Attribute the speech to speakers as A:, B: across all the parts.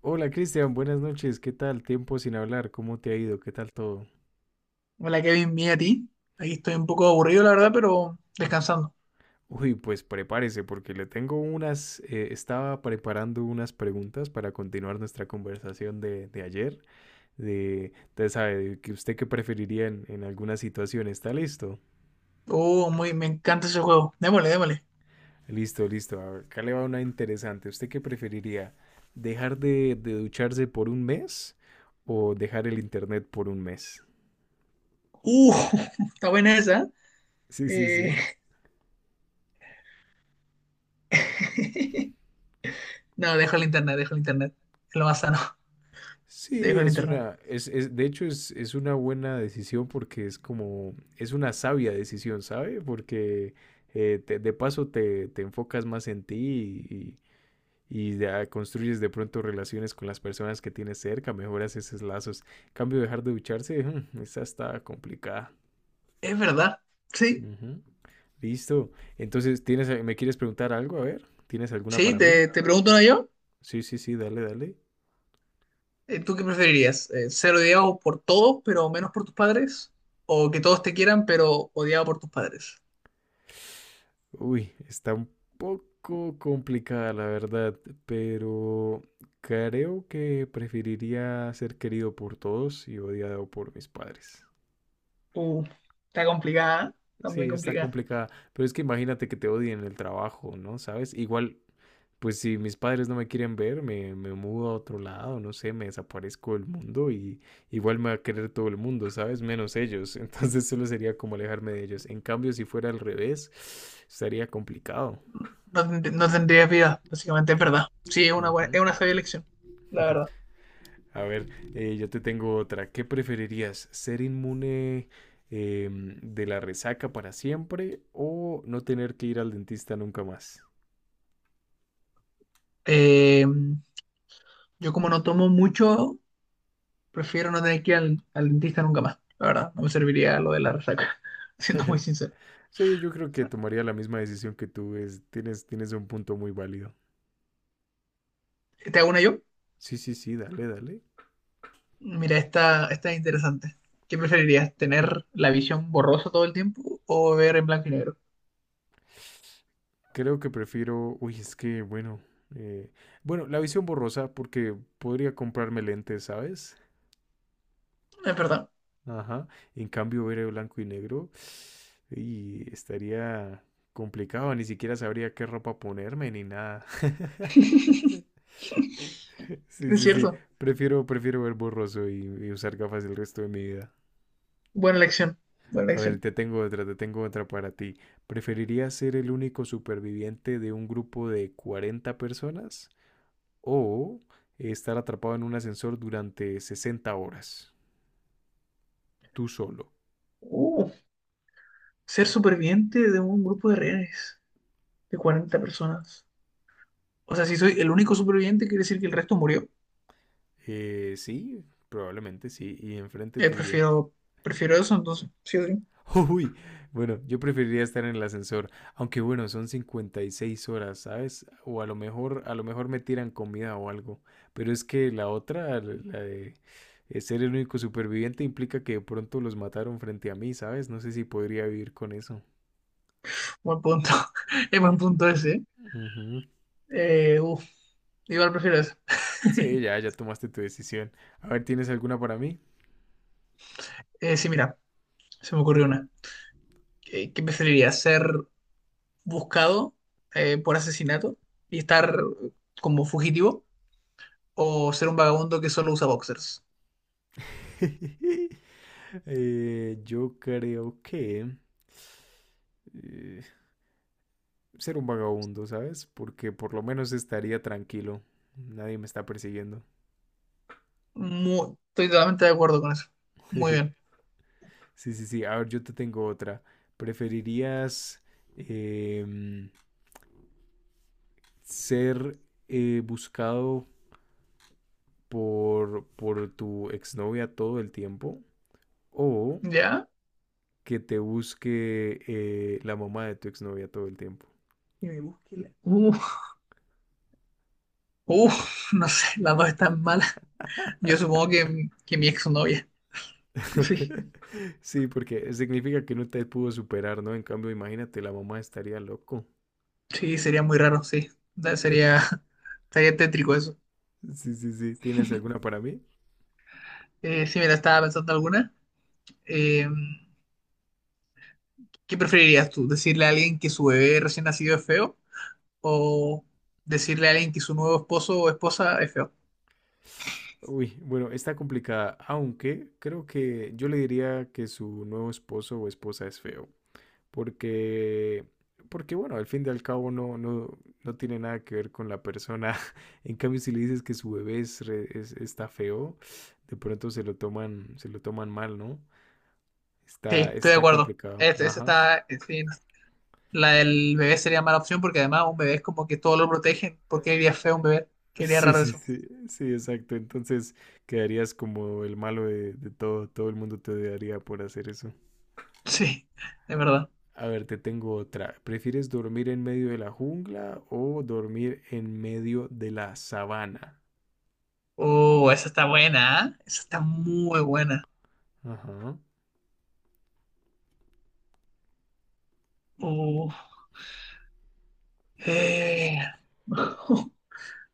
A: Hola Cristian, buenas noches, ¿qué tal? Tiempo sin hablar, ¿cómo te ha ido? ¿Qué tal todo?
B: Hola Kevin, bien a ti. Aquí estoy un poco aburrido, la verdad, pero descansando.
A: Uy, pues prepárese porque le tengo estaba preparando unas preguntas para continuar nuestra conversación de ayer, usted sabe, de que usted qué preferiría en alguna situación, ¿está listo?
B: Oh, me encanta ese juego. Démosle, démosle.
A: Listo, listo, a ver, acá le va una interesante, ¿usted qué preferiría? ¿Dejar de ducharse por un mes o dejar el internet por un mes?
B: Uh, Está buena esa.
A: Sí, sí,
B: Eh,
A: sí.
B: No, dejo el internet, dejo el internet. Es lo más sano.
A: Sí,
B: Dejo el
A: es
B: internet.
A: una, es- de hecho es una buena decisión porque es como, es una sabia decisión, ¿sabe? Porque de paso te enfocas más en ti y, y ya construyes de pronto relaciones con las personas que tienes cerca, mejoras esos lazos. En cambio, dejar de ducharse, esa está complicada.
B: Es verdad. Sí,
A: Ujú. Listo. Entonces, me quieres preguntar algo? A ver, ¿tienes alguna
B: sí,
A: para mí?
B: te pregunto, ¿no?, yo.
A: Sí, sí, sí, dale, dale.
B: ¿Tú qué preferirías? ¿Ser odiado por todos, pero menos por tus padres? ¿O que todos te quieran, pero odiado por tus padres?
A: Uy, está un poco complicada la verdad, pero creo que preferiría ser querido por todos y odiado por mis padres.
B: Uh, está complicada, ¿eh? Está muy
A: Sí, está
B: complicada.
A: complicada, pero es que imagínate que te odien en el trabajo, ¿no? ¿Sabes? Igual, pues si mis padres no me quieren ver, me mudo a otro lado, no sé, me desaparezco del mundo y igual me va a querer todo el mundo, ¿sabes? Menos ellos. Entonces solo sería como alejarme de ellos. En cambio, si fuera al revés, estaría complicado.
B: No, tendrías vida, básicamente, es verdad. Sí, es
A: Ujú.
B: es una sabia elección, la verdad.
A: A ver, yo te tengo otra. ¿Qué preferirías? ¿Ser inmune de la resaca para siempre o no tener que ir al dentista nunca más?
B: Eh, yo como no tomo mucho, prefiero no tener que ir al dentista nunca más, la verdad. No me serviría lo de la resaca, siendo muy sincero.
A: Sí, yo creo que tomaría la misma decisión que tú. Tienes un punto muy válido.
B: ¿Te hago una yo?
A: Sí, sí, sí, dale, dale.
B: Mira, esta es interesante. ¿Qué preferirías, tener la visión borrosa todo el tiempo o ver en blanco y negro?
A: Creo que prefiero. Uy, es que, bueno. Eh, bueno, la visión borrosa porque podría comprarme lentes, ¿sabes?
B: Es verdad,
A: Ajá. En cambio, ver el blanco y negro y estaría complicado, ni siquiera sabría qué ropa ponerme ni nada. Sí,
B: es
A: sí, sí.
B: cierto.
A: Prefiero ver borroso y usar gafas el resto de mi vida.
B: Buena elección, buena
A: A ver,
B: elección.
A: te tengo otra para ti. ¿Preferirías ser el único superviviente de un grupo de 40 personas o estar atrapado en un ascensor durante 60 horas, tú solo?
B: Uh, ser superviviente de un grupo de rehenes de 40 personas. O sea, si soy el único superviviente, quiere decir que el resto murió.
A: Sí, probablemente sí, y enfrente
B: Eh,
A: tuyo.
B: prefiero, prefiero eso, entonces. Sí o sí.
A: Uy, bueno, yo preferiría estar en el ascensor, aunque bueno, son 56 horas, ¿sabes? O a lo mejor me tiran comida o algo, pero es que la otra, la la de ser el único superviviente implica que de pronto los mataron frente a mí, ¿sabes? No sé si podría vivir con eso.
B: Buen punto. Es buen
A: Mm.
B: punto ese.
A: Ujú.
B: ¿Eh? Uf, igual prefiero eso.
A: Sí, ya tomaste tu decisión. A ver, ¿tienes alguna para mí?
B: Sí, mira, se me ocurrió una. ¿Qué preferirías? ¿Ser buscado por asesinato y estar como fugitivo? ¿O ser un vagabundo que solo usa boxers?
A: Yo creo que eh, ser un vagabundo, ¿sabes? Porque por lo menos estaría tranquilo. Nadie me está persiguiendo.
B: Estoy totalmente de acuerdo con eso. Muy bien.
A: Sí, sí, sí. A ver, yo te tengo otra. ¿Preferirías em, ser buscado por tu exnovia todo el tiempo o
B: ¿Ya?
A: que te busque la mamá de tu exnovia todo el tiempo?
B: Que me busque la- uh, no sé, las dos están mal. Yo supongo que mi exnovia. Sí,
A: Sí, porque significa que no te pudo superar, ¿no? En cambio, imagínate, la mamá estaría loco.
B: sí, sería muy raro, sí. Sería tétrico eso.
A: Sí, sí, sí. ¿Tienes alguna para mí?
B: Si me estaba pensando alguna, eh, ¿qué preferirías tú? ¿Decirle a alguien que su bebé recién nacido es feo? ¿O decirle a alguien que su nuevo esposo o esposa es feo?
A: Uy, bueno, está complicada, aunque creo que yo le diría que su nuevo esposo o esposa es feo. Porque, porque bueno, al fin y al cabo no tiene nada que ver con la persona. En cambio, si le dices que su bebé está feo, de pronto se lo toman mal, ¿no?
B: Sí,
A: Está,
B: estoy de
A: está
B: acuerdo.
A: complicado.
B: Ese
A: Ajá.
B: está, sí, no. La del bebé sería mala opción porque además un bebé es como que todo lo protegen. ¿Por qué diría feo un bebé? Qué diría
A: Sí,
B: raro
A: sí,
B: eso.
A: sí, sí, exacto. Entonces quedarías como el malo de todo. Todo el mundo te odiaría por hacer eso.
B: Sí, de verdad.
A: A ver, te tengo otra. ¿Prefieres dormir en medio de la jungla o dormir en medio de la sabana?
B: Oh, esa está buena, ¿eh? Esa está muy buena.
A: Ajá.
B: Uh, eh.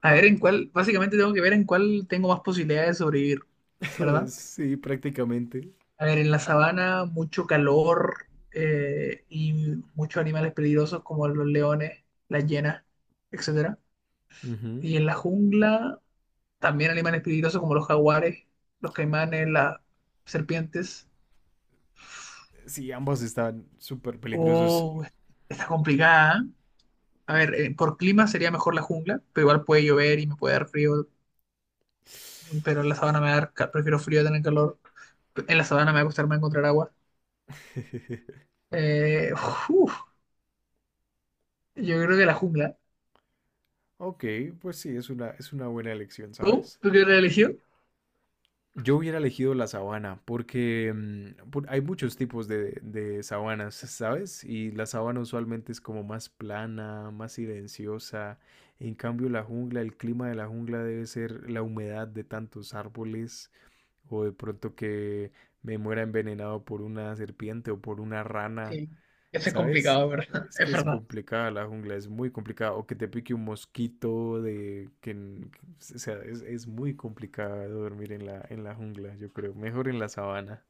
B: A ver en cuál, básicamente tengo que ver en cuál tengo más posibilidades de sobrevivir, ¿verdad?
A: Sí, prácticamente.
B: A ver, en la sabana mucho calor, y muchos animales peligrosos como los leones, las hienas, etcétera.
A: Ujú.
B: Y en la jungla también animales peligrosos como los jaguares, los caimanes, las serpientes.
A: Sí, ambos están súper peligrosos.
B: Oh, está complicada, ¿eh? A ver, por clima sería mejor la jungla, pero igual puede llover y me puede dar frío, pero en la sabana me va a dar, ca- prefiero frío a tener calor. En la sabana me va a costar más encontrar agua. Eh, uf, yo creo que la jungla.
A: Ok, pues sí, es una buena elección,
B: ¿Tú?
A: ¿sabes?
B: ¿Tú qué religión?
A: Yo hubiera elegido la sabana porque hay muchos tipos de sabanas, ¿sabes? Y la sabana usualmente es como más plana, más silenciosa. En cambio, la jungla, el clima de la jungla debe ser la humedad de tantos árboles o de pronto que me muera envenenado por una serpiente o por una rana.
B: Sí, eso es
A: ¿Sabes?
B: complicado, ¿es verdad?
A: Es que
B: Es
A: es
B: verdad.
A: complicada la jungla, es muy complicada. O que te pique un mosquito de que, n- que- o sea, es muy complicado dormir en la jungla, yo creo. Mejor en la sabana.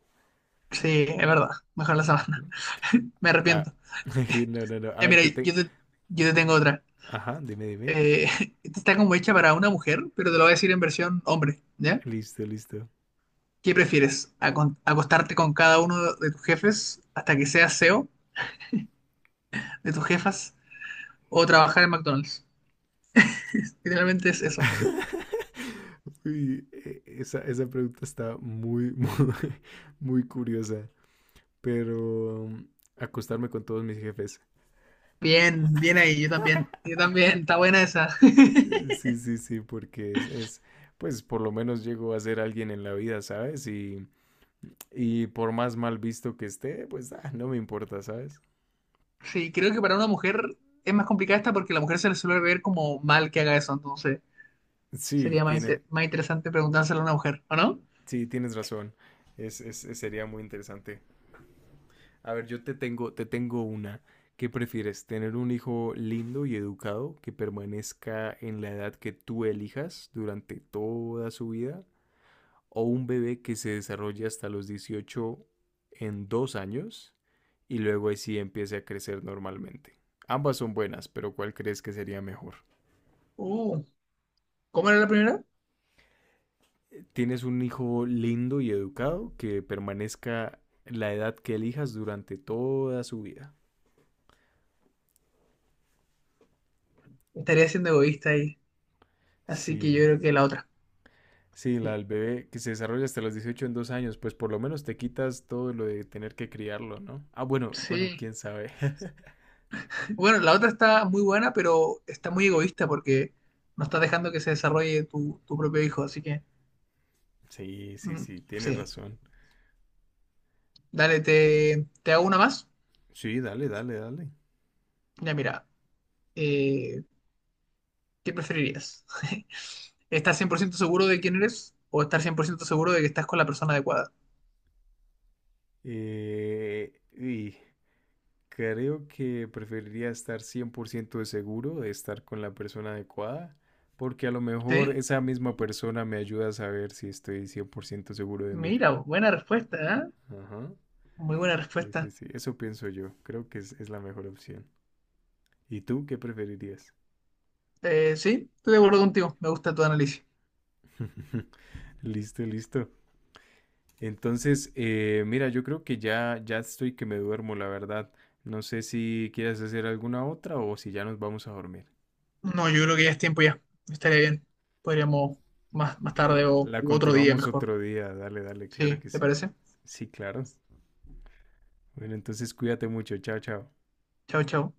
B: Sí, es verdad. Mejor la
A: Ujú.
B: sabana. Me
A: Ah,
B: arrepiento.
A: no, no, no. A
B: Ya,
A: ver,
B: mira,
A: te tengo.
B: yo te tengo otra.
A: Ajá, dime, dime.
B: Eh, Esta está como hecha para una mujer, pero te lo voy a decir en versión hombre, ¿ya?
A: Listo, listo.
B: ¿Qué prefieres? ¿Acostarte con cada uno de tus jefes hasta que seas CEO de tus jefas o trabajar en McDonald's? Literalmente es eso.
A: Uy, esa pregunta está muy, muy, muy curiosa. Pero acostarme con todos mis jefes.
B: Bien, bien ahí, yo también, está buena esa.
A: Sí, sí, sí, porque pues por lo menos llego a ser alguien en la vida, ¿sabes? Y por más mal visto que esté, pues ah, no me importa, ¿sabes?
B: Sí, creo que para una mujer es más complicada esta porque a la mujer se le suele ver como mal que haga eso, entonces
A: Sí,
B: sería más, inte- más interesante preguntárselo a una mujer, ¿o no?
A: sí, tienes razón. Sería muy interesante. A ver, yo te tengo una. ¿Qué prefieres? ¿Tener un hijo lindo y educado que permanezca en la edad que tú elijas durante toda su vida o un bebé que se desarrolle hasta los 18 en 2 años y luego ahí sí empiece a crecer normalmente? Ambas son buenas, pero ¿cuál crees que sería mejor?
B: Uh, ¿cómo era la primera?
A: Tienes un hijo lindo y educado que permanezca la edad que elijas durante toda su vida.
B: Estaría siendo egoísta ahí, así que yo
A: Sí,
B: creo que la otra.
A: sí, la
B: Sí.
A: del bebé que se desarrolla hasta los 18 en dos años, pues por lo menos te quitas todo lo de tener que criarlo, ¿no? Ah, bueno, bueno,
B: Sí.
A: quién sabe.
B: Bueno, la otra está muy buena, pero está muy egoísta porque no estás dejando que se desarrolle tu propio hijo, así que
A: Sí, sí,
B: mm,
A: sí, tienes
B: sí.
A: razón.
B: Dale, te hago una más.
A: Sí, dale, dale, dale.
B: Ya, mira, eh, ¿Qué preferirías? ¿Estar 100% seguro de quién eres o estar 100% seguro de que estás con la persona adecuada?
A: Y creo que preferiría estar 100% de seguro de estar con la persona adecuada, porque a lo mejor
B: Sí,
A: esa misma persona me ayuda a saber si estoy 100% seguro de mí.
B: mira, buena respuesta, ¿eh?
A: Ajá.
B: Muy buena
A: Sí, sí,
B: respuesta.
A: sí. Eso pienso yo. Creo que es la mejor opción. ¿Y tú qué preferirías?
B: Sí, estoy de acuerdo contigo, me gusta tu análisis.
A: Listo, listo. Entonces, mira, yo creo que ya estoy que me duermo, la verdad. No sé si quieres hacer alguna otra o si ya nos vamos a dormir.
B: No, yo creo que ya es tiempo ya, estaría bien. Podríamos más tarde o
A: La
B: u otro día
A: continuamos
B: mejor.
A: otro día. Dale, dale, claro
B: Sí,
A: que
B: ¿te
A: sí.
B: parece?
A: Sí, claro. Bueno, entonces cuídate mucho. Chao, chao.
B: Chao, chao.